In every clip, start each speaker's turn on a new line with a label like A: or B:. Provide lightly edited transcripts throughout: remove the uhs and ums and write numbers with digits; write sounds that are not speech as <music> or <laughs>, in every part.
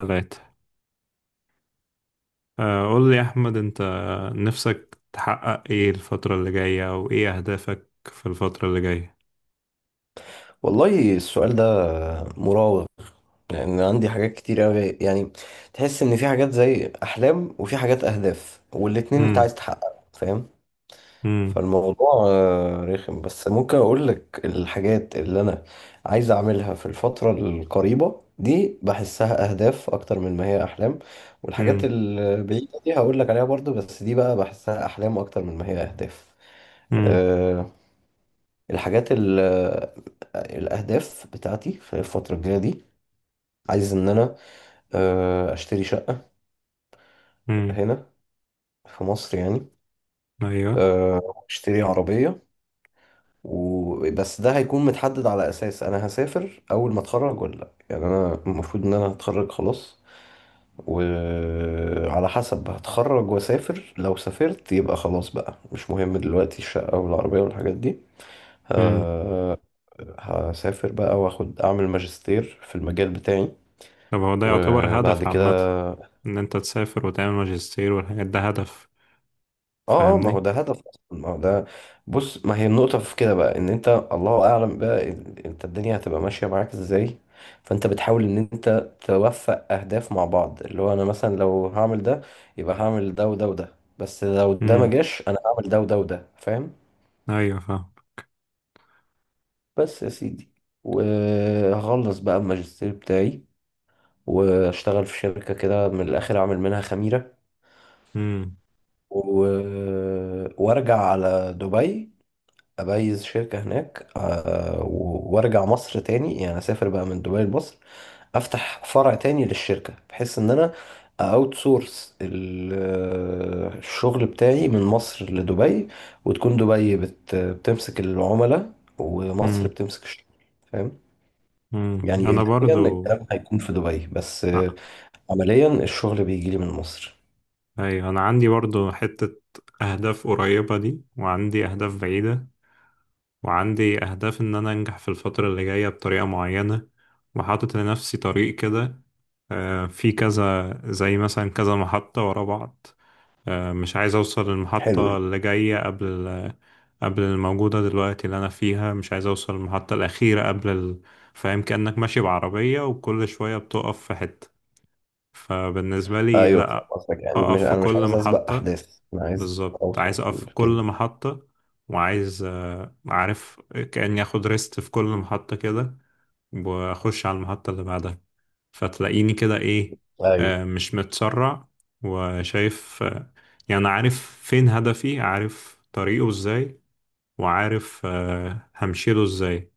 A: ثلاثة. قول لي يا أحمد، أنت نفسك تحقق إيه الفترة اللي جاية، أو إيه أهدافك في الفترة اللي جاية؟
B: والله السؤال ده مراوغ. لان عندي حاجات كتير أوي، يعني تحس ان في حاجات زي احلام وفي حاجات اهداف والاتنين انت
A: مم.
B: عايز تحققها، فاهم.
A: مم.
B: فالموضوع رخم، بس ممكن اقول لك الحاجات اللي انا عايز اعملها في الفترة القريبة دي بحسها اهداف اكتر من ما هي احلام، والحاجات
A: مم.
B: البعيدة دي هقول لك عليها برضو، بس دي بقى بحسها احلام اكتر من ما هي اهداف.
A: مم.
B: آه، الحاجات ال الأهداف بتاعتي في الفترة الجاية دي، عايز إن أنا أشتري شقة
A: مم.
B: هنا في مصر يعني.
A: أيوه.
B: أشتري عربية وبس. ده هيكون متحدد على أساس أنا هسافر أول ما أتخرج ولا لأ. يعني أنا المفروض إن أنا هتخرج خلاص، وعلى حسب هتخرج وأسافر. لو سافرت يبقى خلاص بقى مش مهم دلوقتي الشقة والعربية والحاجات دي.
A: مم.
B: آه، هسافر بقى واخد اعمل ماجستير في المجال بتاعي
A: طب هو ده يعتبر
B: وبعد
A: هدف عامة،
B: كده.
A: إن أنت تسافر وتعمل ماجستير والحاجات ده هدف،
B: اه، ما هو
A: فاهمني؟
B: ده هدف اصلا، ما هو ده. بص، ما هي النقطة في كده بقى، ان انت الله اعلم بقى انت الدنيا هتبقى ماشية معاك ازاي. فانت بتحاول ان انت توفق اهداف مع بعض، اللي هو انا مثلا لو هعمل ده يبقى هعمل ده وده وده، بس لو ده ما
A: مم.
B: جاش انا هعمل ده وده وده، فاهم.
A: أيوه فاهم.
B: بس يا سيدي، وهخلص بقى الماجستير بتاعي واشتغل في شركة كده، من الاخر اعمل منها خميرة
A: مم.
B: و... وارجع على دبي، أبيز شركة هناك. وأرجع مصر تاني، يعني أسافر بقى من دبي لمصر، أفتح فرع تاني للشركة، بحيث إن أنا أوت سورس الشغل بتاعي من مصر لدبي، وتكون دبي بتمسك العملاء ومصر
A: مم.
B: بتمسك الشغل، فاهم.
A: مم.
B: يعني
A: أنا
B: إداريا
A: برضو
B: الكلام هيكون في دبي، بس
A: آه،
B: عمليا الشغل بيجي لي من مصر.
A: أيوه، أنا عندي برضو حتة أهداف قريبة دي، وعندي أهداف بعيدة، وعندي أهداف إن أنا أنجح في الفترة اللي جاية بطريقة معينة، وحاطط لنفسي طريق كده. في كذا، زي مثلا كذا محطة ورا بعض. مش عايز أوصل
B: حلو
A: للمحطة
B: ده.
A: اللي جاية قبل قبل الموجودة دلوقتي اللي أنا فيها، مش عايز أوصل للمحطة الأخيرة قبل. فاهم، كأنك ماشي بعربية وكل شوية بتقف في حتة. فبالنسبة لي،
B: ايوه، فاهم
A: لأ.
B: قصدك. يعني مش،
A: أقف في
B: انا مش
A: كل
B: عايز اسبق
A: محطة.
B: احداث، انا عايز
A: بالظبط، عايز
B: اوصل
A: اقف في كل
B: كده.
A: محطة. وعايز عارف، كأني اخد ريست في كل محطة كده، واخش على المحطة اللي بعدها. فتلاقيني كده ايه،
B: ايوه.
A: مش متسرع، وشايف، يعني عارف فين هدفي، عارف طريقه ازاي، وعارف همشيله ازاي.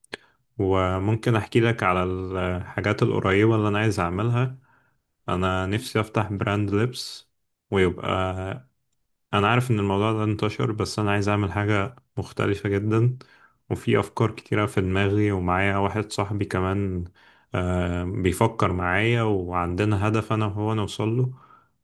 A: وممكن احكي لك على الحاجات القريبة اللي انا عايز اعملها. انا نفسي افتح براند لبس، ويبقى انا عارف ان الموضوع ده انتشر، بس انا عايز اعمل حاجة مختلفة جدا. وفي افكار كتيرة في دماغي، ومعايا واحد صاحبي كمان بيفكر معايا، وعندنا هدف انا وهو نوصل له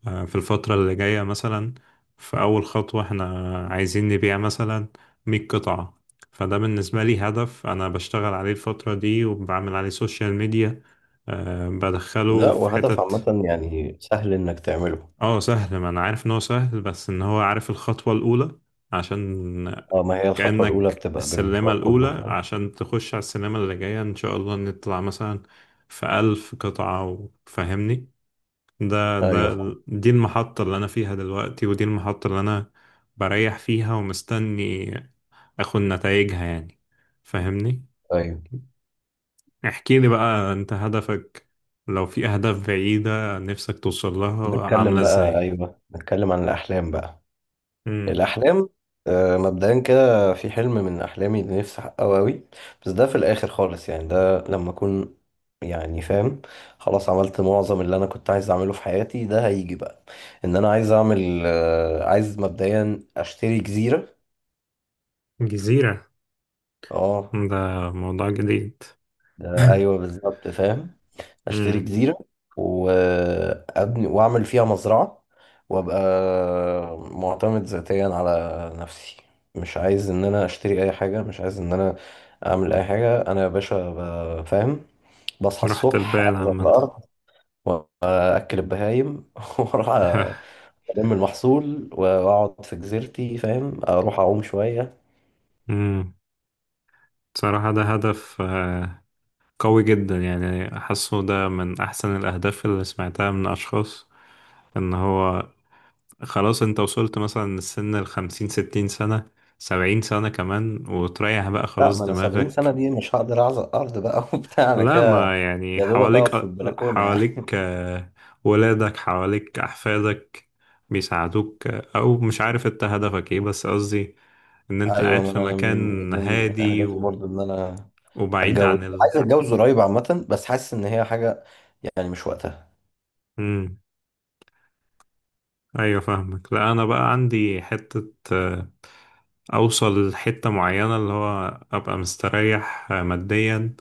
A: في الفترة اللي جاية. مثلا في اول خطوة احنا عايزين نبيع مثلا 100 قطعة. فده بالنسبة لي هدف انا بشتغل عليه الفترة دي، وبعمل عليه سوشيال ميديا.
B: لا،
A: بدخله في
B: وهدف
A: حتت.
B: عامة يعني سهل إنك تعمله.
A: اه سهل، ما انا عارف ان هو سهل، بس ان هو عارف الخطوة الاولى، عشان
B: اه، ما هي الخطوة الأولى
A: كأنك
B: بتبقى
A: السلمة
B: بالمشروع
A: الاولى
B: كله، فاهم.
A: عشان تخش على السلمة اللي جاية، ان شاء الله نطلع مثلا في 1000 قطعة. وفهمني، ده
B: أيوه،
A: ده
B: فاهم.
A: دي المحطة اللي انا فيها دلوقتي، ودي المحطة اللي انا بريح فيها ومستني اخد نتائجها يعني. فهمني،
B: أيوه.
A: احكي لي بقى انت هدفك، لو في اهداف بعيدة نفسك توصل لها عاملة ازاي.
B: نتكلم عن الأحلام بقى.
A: امم.
B: الأحلام، مبدئيا كده في حلم من أحلامي اللي نفسي أحققه أوي، بس ده في الآخر خالص، يعني ده لما أكون، يعني فاهم، خلاص عملت معظم اللي أنا كنت عايز أعمله في حياتي، ده هيجي بقى. إن أنا عايز أعمل، عايز مبدئيا أشتري جزيرة.
A: جزيرة.
B: اه،
A: ده موضوع جديد.
B: ده ايوه
A: <laughs>
B: بالظبط، فاهم. اشتري
A: امم.
B: جزيره وابني واعمل فيها مزرعه، وابقى معتمد ذاتيا على نفسي. مش عايز ان انا اشتري اي حاجه، مش عايز ان انا اعمل اي حاجه. انا يا باشا، فاهم، بصحى
A: رحت
B: الصبح
A: البال
B: انزل
A: عامة.
B: الارض واكل البهايم <laughs> واروح
A: <laughs>
B: الم المحصول واقعد في جزيرتي، فاهم، اروح اعوم شويه.
A: امم. صراحة ده هدف قوي جدا، يعني حاسه ده من أحسن الأهداف اللي سمعتها من أشخاص. إن هو خلاص، أنت وصلت مثلا للسن 50، 60 سنة، 70 سنة كمان، وتريح بقى
B: لا،
A: خلاص
B: ما انا 70 سنه
A: دماغك.
B: دي مش هقدر اعزق ارض بقى <laughs> وبتاع، انا
A: لا،
B: كده
A: ما يعني
B: يا دوبك
A: حواليك،
B: اقف في البلكونه يعني.
A: حواليك ولادك، حواليك أحفادك بيساعدوك، أو مش عارف أنت هدفك إيه، بس قصدي إن أنت
B: ايوه،
A: قاعد
B: ما
A: في
B: انا من
A: مكان
B: من من
A: هادي
B: اهدافي برضو ان انا
A: وبعيد
B: اتجوز،
A: عن ال.
B: عايز اتجوز قريب عامه، بس حاسس ان هي حاجه يعني مش وقتها.
A: مم. أيوة فاهمك. لا، أنا بقى عندي حتة، أوصل لحتة معينة، اللي هو أبقى مستريح ماديا،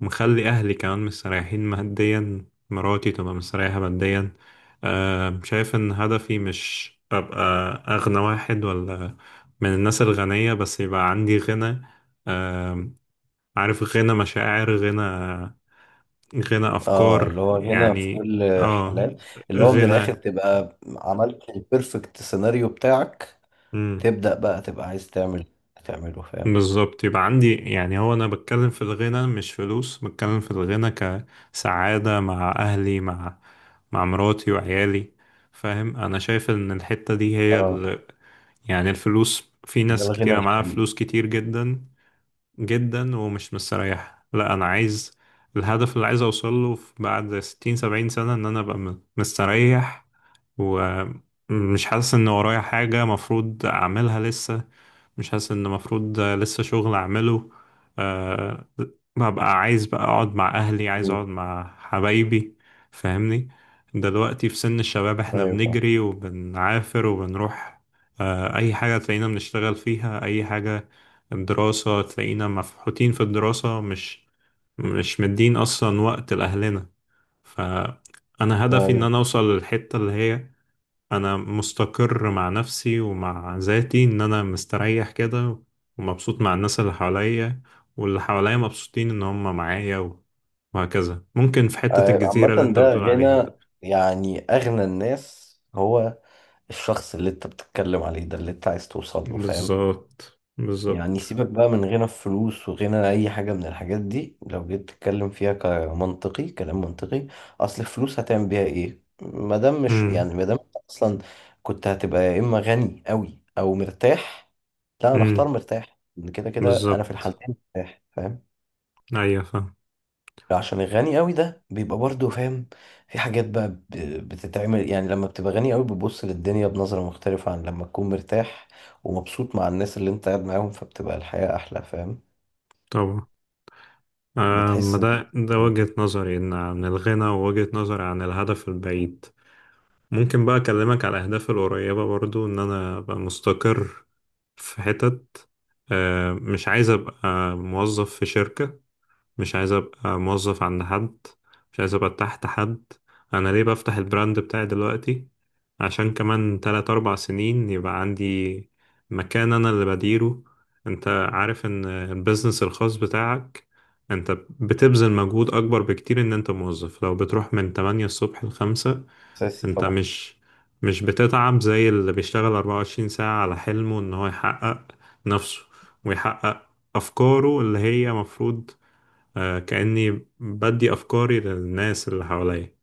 A: مخلي أهلي كمان مستريحين ماديا، مراتي تبقى مستريحة ماديا. شايف إن هدفي مش أبقى أغنى واحد، ولا من الناس الغنية، بس يبقى عندي غنى. آه، عارف، غنى مشاعر، غنى، غنى
B: اه، اللي
A: أفكار
B: هو هنا في
A: يعني.
B: كل
A: اه
B: حلال، اللي هو من الاخر
A: غنى.
B: تبقى عملت البيرفكت سيناريو بتاعك، تبدا بقى تبقى عايز تعمل تعمله، فاهم.
A: بالظبط، يبقى عندي. يعني هو انا بتكلم في الغنى مش فلوس، بتكلم في الغنى كسعادة مع اهلي، مع مراتي وعيالي. فاهم، انا شايف ان الحتة دي هي
B: اه،
A: ال... يعني الفلوس، في
B: ده
A: ناس
B: الغنى
A: كتيرة معاها
B: الحقيقي.
A: فلوس كتير جدا جدا ومش مستريحة. لا انا عايز الهدف اللي عايز اوصل له بعد 60 70 سنة، ان انا ابقى مستريح، ومش حاسس ان ورايا حاجة مفروض اعملها لسه، مش حاسس ان المفروض لسه شغل اعمله. أه، ببقى عايز بقى اقعد مع اهلي، عايز
B: مم.
A: اقعد مع حبايبي. فاهمني، دلوقتي في سن الشباب، احنا
B: ايوه فاهم.
A: بنجري وبنعافر وبنروح. أه اي حاجة تلاقينا بنشتغل فيها، اي حاجة. الدراسة تلاقينا مفحوطين في الدراسة، مش مدين اصلا وقت لاهلنا. فانا هدفي ان
B: ايوه،
A: انا اوصل للحتة اللي هي انا مستقر مع نفسي ومع ذاتي، ان انا مستريح كده، ومبسوط مع الناس اللي حواليا، واللي حواليا مبسوطين ان هم معايا وهكذا. ممكن في حتة
B: عامه
A: الجزيرة اللي انت
B: ده
A: بتقول عليها دي.
B: غنى. يعني اغنى الناس هو الشخص اللي انت بتتكلم عليه ده، اللي انت عايز توصل له، فاهم.
A: بالظبط
B: يعني
A: بالظبط.
B: سيبك بقى من غنى الفلوس وغنى اي حاجة من الحاجات دي، لو جيت تتكلم فيها كمنطقي كلام منطقي. اصل الفلوس هتعمل بيها ايه ما دام مش،
A: امم
B: يعني ما دام انت اصلا كنت هتبقى يا اما غني قوي او مرتاح، لا انا اختار
A: امم.
B: مرتاح، ان كده كده انا في
A: بالظبط.
B: الحالتين مرتاح، فاهم.
A: ايوه فاهم.
B: عشان الغني قوي ده بيبقى برضه، فاهم، في حاجات بقى بتتعمل. يعني لما بتبقى غني قوي بتبص للدنيا بنظرة مختلفة عن لما تكون مرتاح ومبسوط مع الناس اللي انت قاعد معاهم، فبتبقى الحياة احلى، فاهم.
A: طبعا، آه ما
B: بتحس ان
A: ده وجهة نظري، ان عن الغنى، ووجهة نظري عن الهدف البعيد. ممكن بقى أكلمك على أهدافي القريبة برضو، إن أنا أبقى مستقر في حتت. مش عايز أبقى موظف في شركة، مش عايز أبقى موظف عند حد، مش عايز أبقى تحت حد. أنا ليه بفتح البراند بتاعي دلوقتي؟ عشان كمان تلات أربع سنين يبقى عندي مكان أنا اللي بديره. أنت عارف إن البيزنس الخاص بتاعك، أنت بتبذل مجهود أكبر بكتير إن أنت موظف. لو بتروح من 8 الصبح لخمسة،
B: اساسي
A: انت
B: طبعا.
A: مش بتتعب زي اللي بيشتغل 24 ساعة على حلمه، ان هو يحقق نفسه، ويحقق افكاره اللي هي مفروض. كأني بدي افكاري للناس اللي حواليا.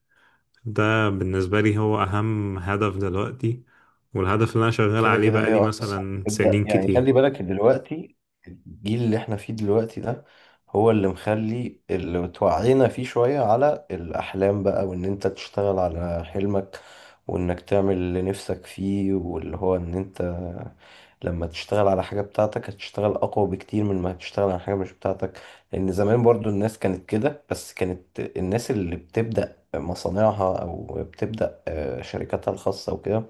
A: ده بالنسبة لي هو اهم هدف دلوقتي، والهدف اللي انا شغال
B: كده
A: عليه
B: كده هي
A: بقالي
B: اصلا
A: مثلا
B: بتبدا.
A: سنين
B: يعني خلي
A: كتير.
B: بالك إن دلوقتي الجيل اللي احنا فيه دلوقتي ده هو اللي مخلي اللي توعينا فيه شويه على الاحلام بقى، وان انت تشتغل على حلمك، وانك تعمل اللي نفسك فيه، واللي هو ان انت لما تشتغل على حاجه بتاعتك هتشتغل اقوى بكتير من ما هتشتغل على حاجه مش بتاعتك. لان زمان برضو الناس كانت كده، بس كانت الناس اللي بتبدا مصانعها او بتبدا شركاتها الخاصه وكده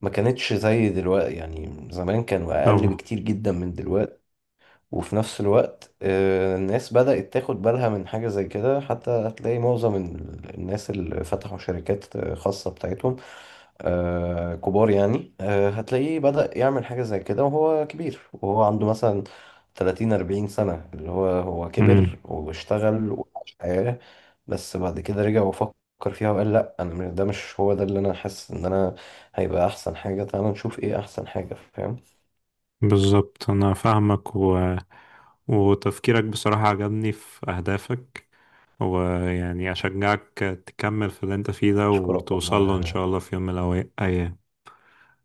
B: ما كانتش زي دلوقتي. يعني زمان كانوا أقل
A: طبعا.
B: بكتير جدا من دلوقتي. وفي نفس الوقت الناس بدأت تاخد بالها من حاجة زي كده. حتى هتلاقي معظم الناس اللي فتحوا شركات خاصة بتاعتهم، آه كبار يعني. آه، هتلاقيه بدأ يعمل حاجة زي كده وهو كبير، وهو عنده مثلا 30 40 سنة، اللي هو
A: امم.
B: كبر واشتغل وعاش حياة، بس بعد كده رجع وفكر فيها وقال لا، انا ده مش هو ده اللي انا حاسس ان انا هيبقى احسن حاجة. تعالى نشوف ايه احسن حاجة، فاهم.
A: بالظبط انا فاهمك، وتفكيرك بصراحة عجبني في أهدافك، ويعني أشجعك تكمل في اللي أنت فيه ده،
B: اشكرك
A: وتوصل
B: والله،
A: له إن
B: ان
A: شاء الله في يوم من الأيام.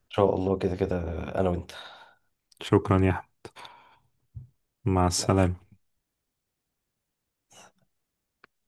B: شاء الله، كده كده انا وانت.
A: شكرا يا أحمد، مع السلامة.